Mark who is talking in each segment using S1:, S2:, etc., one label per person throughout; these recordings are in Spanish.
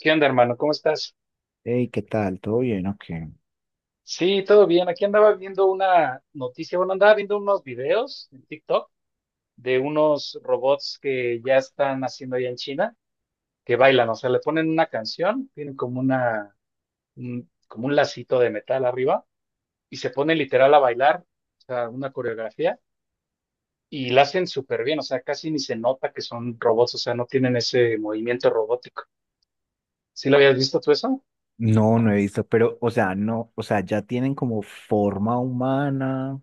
S1: ¿Qué onda, hermano? ¿Cómo estás?
S2: Hey, ¿qué tal? ¿Todo bien o qué?
S1: Sí, todo bien. Aquí andaba viendo una noticia, bueno, andaba viendo unos videos en TikTok de unos robots que ya están haciendo allá en China, que bailan, o sea, le ponen una canción, tienen como una, como un lacito de metal arriba y se ponen literal a bailar, o sea, una coreografía y la hacen súper bien, o sea, casi ni se nota que son robots, o sea, no tienen ese movimiento robótico. ¿Sí lo habías visto tú eso?
S2: No, no he visto, pero, o sea, no, o sea, ya tienen como forma humana,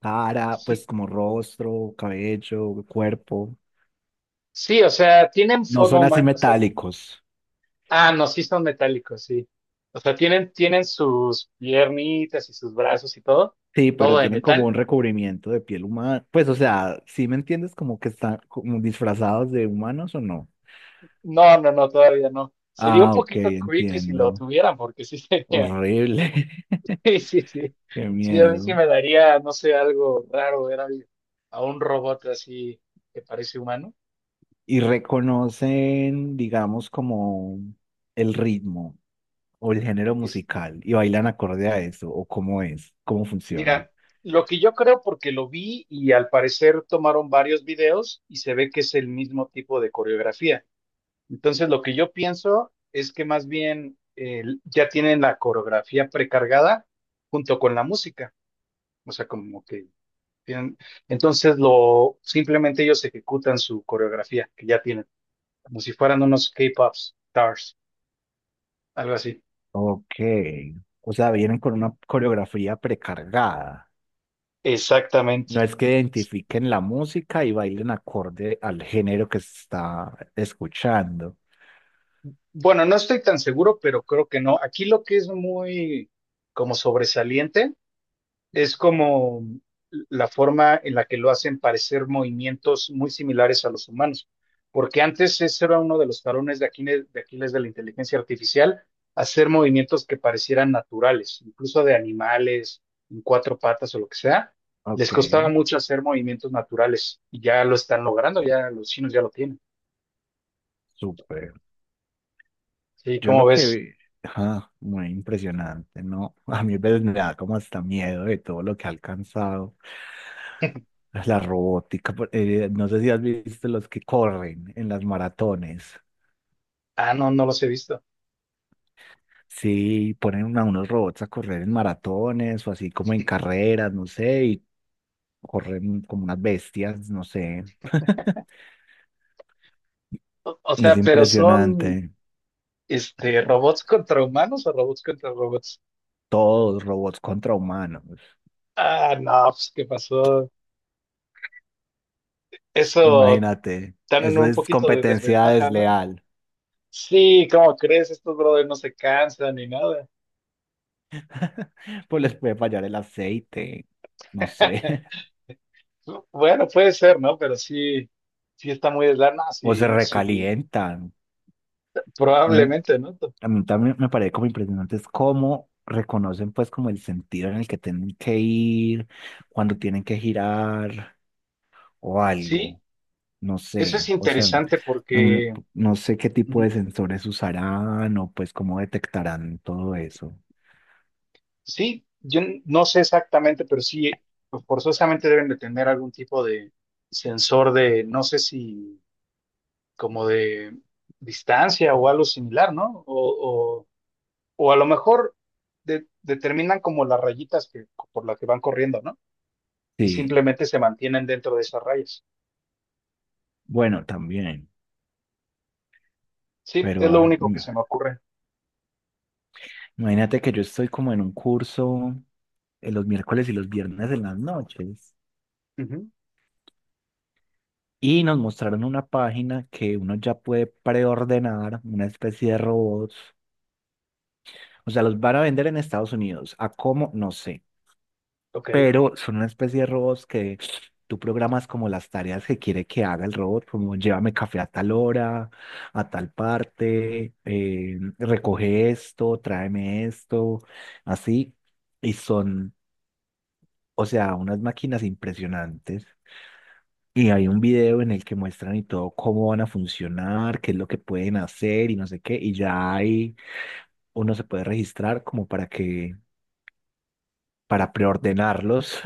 S2: cara, pues
S1: Sí,
S2: como rostro, cabello, cuerpo.
S1: sí, o sea, tienen
S2: No
S1: forma
S2: son así
S1: humana.
S2: metálicos.
S1: Ah, no, sí son metálicos, sí. O sea, tienen sus piernitas y sus brazos y todo,
S2: Sí, pero
S1: todo de
S2: tienen como un
S1: metal.
S2: recubrimiento de piel humana. Pues, o sea, ¿sí me entiendes? Como que están como disfrazados de humanos o no.
S1: No, no, no, todavía no. Sería un
S2: Ah, ok,
S1: poquito creepy si lo
S2: entiendo.
S1: tuvieran, porque sí sería.
S2: Horrible.
S1: Sí, sí, sí.
S2: Qué
S1: Sí, a mí sí
S2: miedo.
S1: me daría, no sé, algo raro ver a un robot así que parece humano.
S2: Y reconocen, digamos, como el ritmo, o el género
S1: Es-
S2: musical, y bailan acorde a eso, o cómo es, cómo funciona.
S1: mira, lo que yo creo, porque lo vi y al parecer tomaron varios videos y se ve que es el mismo tipo de coreografía. Entonces, lo que yo pienso es que más bien ya tienen la coreografía precargada junto con la música. O sea, como que tienen. Entonces, lo simplemente ellos ejecutan su coreografía que ya tienen, como si fueran unos K-pop stars, algo así.
S2: Ok, o sea, vienen con una coreografía precargada.
S1: Exactamente.
S2: No es que identifiquen la música y bailen acorde al género que se está escuchando.
S1: Bueno, no estoy tan seguro, pero creo que no. Aquí lo que es muy como sobresaliente es como la forma en la que lo hacen parecer movimientos muy similares a los humanos, porque antes ese era uno de los tarones de Aquiles, de Aquiles de la inteligencia artificial, hacer movimientos que parecieran naturales, incluso de animales, en cuatro patas o lo que sea, les
S2: Ok,
S1: costaba mucho hacer movimientos naturales y ya lo están logrando, ya los chinos ya lo tienen.
S2: súper.
S1: Sí,
S2: Yo
S1: ¿cómo
S2: lo que
S1: ves?
S2: vi, ah, muy impresionante, ¿no? A mí a veces me da como hasta miedo de todo lo que ha alcanzado la robótica, no sé si has visto los que corren en las maratones.
S1: Ah, no, no los he visto.
S2: Sí, unos robots a correr en maratones o así como en carreras, no sé, y corren como unas bestias, no sé.
S1: O, o
S2: Es
S1: sea, pero son
S2: impresionante.
S1: robots contra humanos o robots contra robots.
S2: Todos robots contra humanos.
S1: Ah, no, pues, ¿qué pasó? Eso,
S2: Imagínate,
S1: están en
S2: eso
S1: un
S2: es
S1: poquito de
S2: competencia
S1: desventaja, ¿no?
S2: desleal.
S1: Sí, ¿cómo crees? Estos brothers no se cansan ni nada.
S2: Pues les puede fallar el aceite, no sé,
S1: Bueno, puede ser, ¿no? Pero sí, sí está muy deslana,
S2: o se
S1: sí, sí,
S2: recalientan. ¿No?
S1: probablemente, ¿no?
S2: A mí también me parece como impresionante es cómo reconocen pues como el sentido en el que tienen que ir, cuando tienen que girar o
S1: Sí,
S2: algo, no
S1: eso es
S2: sé, o sea,
S1: interesante
S2: mm,
S1: porque,
S2: no sé qué tipo
S1: ujú,
S2: de sensores usarán o pues cómo detectarán todo eso.
S1: sí, no sé exactamente, pero sí, pues, forzosamente deben de tener algún tipo de sensor de, no sé si como de distancia o algo similar, ¿no? O a lo mejor determinan como las rayitas que, por las que van corriendo, ¿no? Y
S2: Sí,
S1: simplemente se mantienen dentro de esas rayas.
S2: bueno, también,
S1: Sí, es
S2: pero
S1: lo único que se me ocurre.
S2: imagínate que yo estoy como en un curso en los miércoles y los viernes en las noches.
S1: Ujú.
S2: Y nos mostraron una página que uno ya puede preordenar, una especie de robots. O sea, los van a vender en Estados Unidos. ¿A cómo? No sé.
S1: Ok,
S2: Pero son una especie de robots que tú programas como las tareas que quiere que haga el robot, como llévame café a tal hora, a tal parte, recoge esto, tráeme esto, así. Y son, o sea, unas máquinas impresionantes. Y hay un video en el que muestran y todo cómo van a funcionar, qué es lo que pueden hacer y no sé qué. Y ya hay, uno se puede registrar como para que, para preordenarlos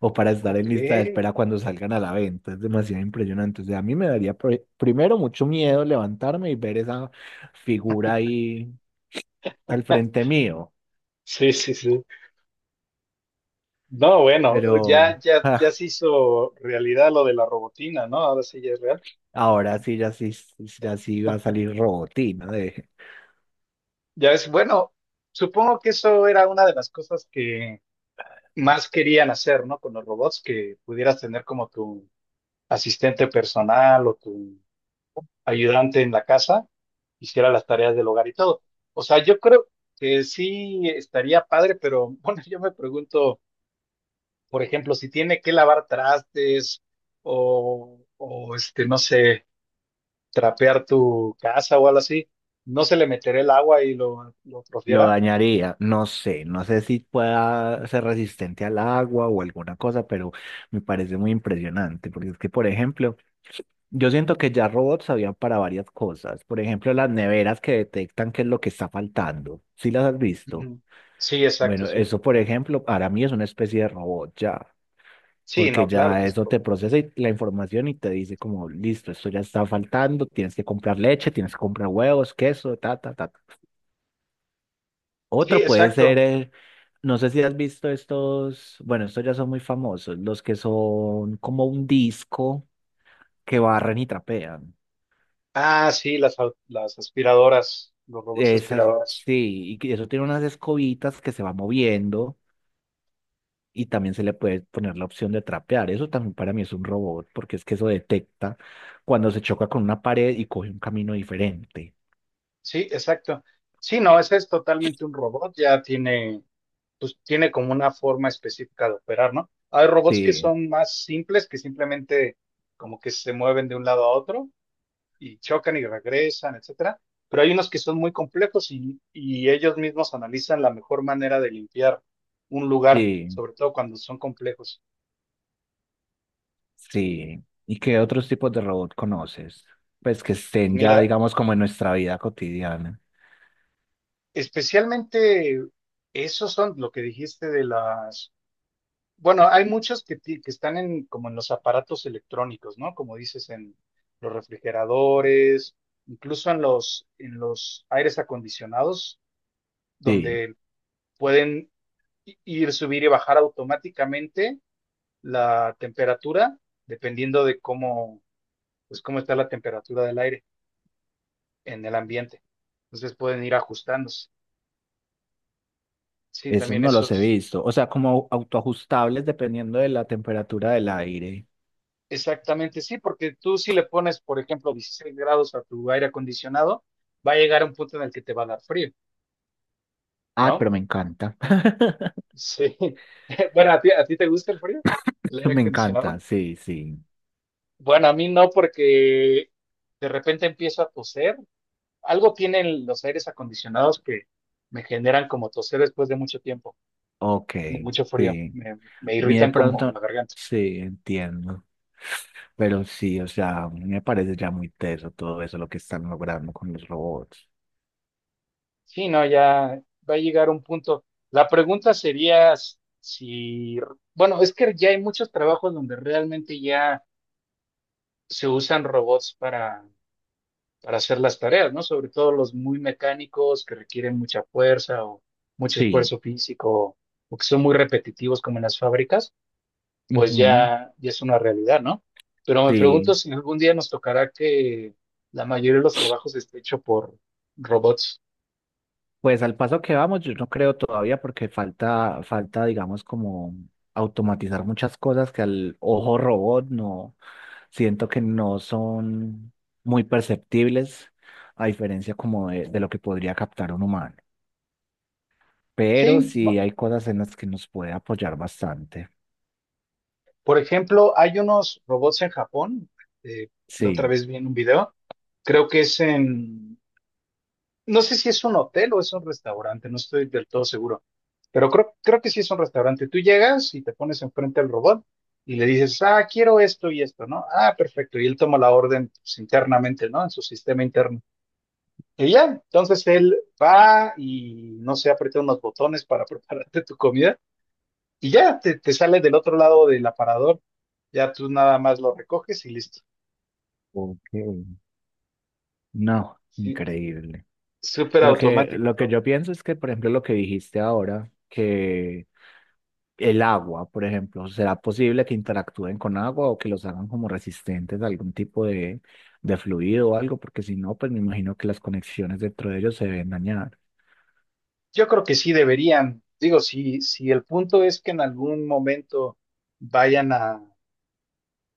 S2: o para estar en
S1: ok.
S2: lista de espera cuando salgan a la venta. Es demasiado impresionante. O sea, a mí me daría primero mucho miedo levantarme y ver esa figura ahí al frente mío.
S1: Sí, sí, sí. No, bueno,
S2: Pero
S1: ya
S2: ah,
S1: se hizo realidad lo de la robotina, ¿no? Ahora sí ya es real.
S2: ahora sí, ya sí, ya sí va a salir robotina de...
S1: Ya es, bueno, supongo que eso era una de las cosas que más querían hacer, ¿no? Con los robots, que pudieras tener como tu asistente personal o tu ayudante en la casa hiciera las tareas del hogar y todo. O sea, yo creo que sí estaría padre, pero bueno, yo me pregunto, por ejemplo, si tiene que lavar trastes o este, no sé, trapear tu casa o algo así, ¿no se le meterá el agua y lo
S2: Lo
S1: atrofiará?
S2: dañaría, no sé, no sé si pueda ser resistente al agua o alguna cosa, pero me parece muy impresionante, porque es que, por ejemplo, yo siento que ya robots habían para varias cosas, por ejemplo, las neveras que detectan qué es lo que está faltando, ¿si las has visto?
S1: Ujú. Sí, exacto,
S2: Bueno,
S1: sí.
S2: eso, por ejemplo, para mí es una especie de robot ya,
S1: Sí, no,
S2: porque
S1: claro que
S2: ya
S1: es un
S2: eso te
S1: robot.
S2: procesa la información y te dice como, listo, esto ya está faltando, tienes que comprar leche, tienes que comprar huevos, queso, ta, ta, ta.
S1: Sí,
S2: Otro puede ser,
S1: exacto.
S2: no sé si has visto estos, bueno, estos ya son muy famosos, los que son como un disco que barren y trapean.
S1: Ah, sí, las aspiradoras, los robots
S2: Esas,
S1: aspiradoras.
S2: sí, y que eso tiene unas escobitas que se va moviendo y también se le puede poner la opción de trapear. Eso también para mí es un robot, porque es que eso detecta cuando se choca con una pared y coge un camino diferente.
S1: Sí, exacto. Sí, no, ese es totalmente un robot, ya tiene, pues tiene como una forma específica de operar, ¿no? Hay robots que
S2: Sí,
S1: son más simples, que simplemente como que se mueven de un lado a otro y chocan y regresan, etcétera. Pero hay unos que son muy complejos y ellos mismos analizan la mejor manera de limpiar un lugar,
S2: sí,
S1: sobre todo cuando son complejos.
S2: sí. ¿Y qué otros tipos de robot conoces? Pues que estén ya,
S1: Mira,
S2: digamos, como en nuestra vida cotidiana.
S1: especialmente esos son lo que dijiste de las. Bueno, hay muchas que están en, como en los aparatos electrónicos, ¿no? Como dices, en los refrigeradores, incluso en los aires acondicionados,
S2: Sí,
S1: donde pueden ir, subir y bajar automáticamente la temperatura, dependiendo de cómo, pues, cómo está la temperatura del aire en el ambiente. Entonces pueden ir ajustándose. Sí,
S2: esos
S1: también
S2: no los he
S1: esos.
S2: visto. O sea, como autoajustables dependiendo de la temperatura del aire.
S1: Exactamente, sí, porque tú si le pones, por ejemplo, 16 grados a tu aire acondicionado, va a llegar a un punto en el que te va a dar frío,
S2: Ah,
S1: ¿no?
S2: pero me encanta.
S1: Sí. Bueno, ¿a ti te gusta el frío? ¿El aire
S2: Me encanta,
S1: acondicionado?
S2: sí, sí.
S1: Bueno, a mí no, porque de repente empiezo a toser. Algo tienen los aires acondicionados que me generan como toser después de mucho tiempo,
S2: Ok,
S1: de mucho frío.
S2: sí.
S1: Me
S2: Mire, de
S1: irritan como
S2: pronto,
S1: la garganta.
S2: sí, entiendo. Pero sí, o sea, a mí me parece ya muy teso todo eso lo que están logrando con los robots.
S1: Sí, no, ya va a llegar un punto. La pregunta sería si, bueno, es que ya hay muchos trabajos donde realmente ya se usan robots para hacer las tareas, ¿no? Sobre todo los muy mecánicos que requieren mucha fuerza o mucho
S2: Sí,
S1: esfuerzo físico o que son muy repetitivos como en las fábricas, pues
S2: ujú,
S1: ya, ya es una realidad, ¿no? Pero me
S2: sí.
S1: pregunto si algún día nos tocará que la mayoría de los trabajos esté hecho por robots.
S2: Pues al paso que vamos, yo no creo todavía porque falta, digamos, como automatizar muchas cosas que al ojo robot no, siento que no son muy perceptibles, a diferencia como de lo que podría captar un humano. Pero
S1: Sí.
S2: sí hay cosas en las que nos puede apoyar bastante.
S1: Por ejemplo, hay unos robots en Japón, eh, la otra
S2: Sí.
S1: vez vi en un video, creo que es en, no sé si es un hotel o es un restaurante, no estoy del todo seguro, pero creo, creo que sí es un restaurante. Tú llegas y te pones enfrente al robot y le dices, ah, quiero esto y esto, ¿no? Ah, perfecto, y él toma la orden pues, internamente, ¿no? En su sistema interno. Y ya, entonces él va y no sé, aprieta unos botones para prepararte tu comida y ya te sale del otro lado del aparador, ya tú nada más lo recoges y listo.
S2: Ok. No,
S1: Sí,
S2: increíble.
S1: súper automático
S2: Lo que
S1: todo.
S2: yo pienso es que, por ejemplo, lo que dijiste ahora, que el agua, por ejemplo, ¿será posible que interactúen con agua o que los hagan como resistentes a algún tipo de fluido o algo? Porque si no, pues me imagino que las conexiones dentro de ellos se deben dañar.
S1: Yo creo que sí deberían, digo, si, si el punto es que en algún momento vayan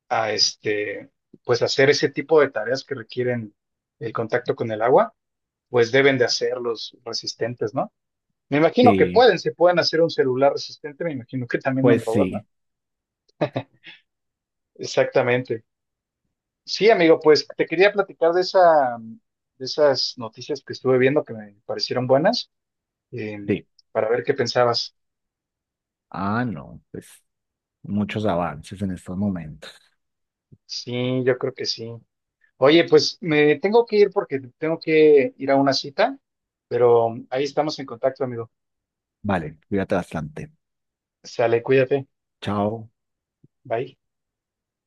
S1: a este, pues hacer ese tipo de tareas que requieren el contacto con el agua, pues deben de hacerlos resistentes, ¿no? Me imagino que
S2: Sí,
S1: pueden, se pueden hacer un celular resistente, me imagino que también un
S2: pues
S1: robot, ¿no?
S2: sí,
S1: Exactamente. Sí, amigo, pues te quería platicar de esa, de esas noticias que estuve viendo que me parecieron buenas, eh,
S2: sí.
S1: para ver qué pensabas.
S2: Ah, no, pues muchos avances en estos momentos.
S1: Sí, yo creo que sí. Oye, pues me tengo que ir porque tengo que ir a una cita, pero ahí estamos en contacto, amigo.
S2: Vale, cuídate bastante.
S1: Sale, cuídate.
S2: Chao.
S1: Bye.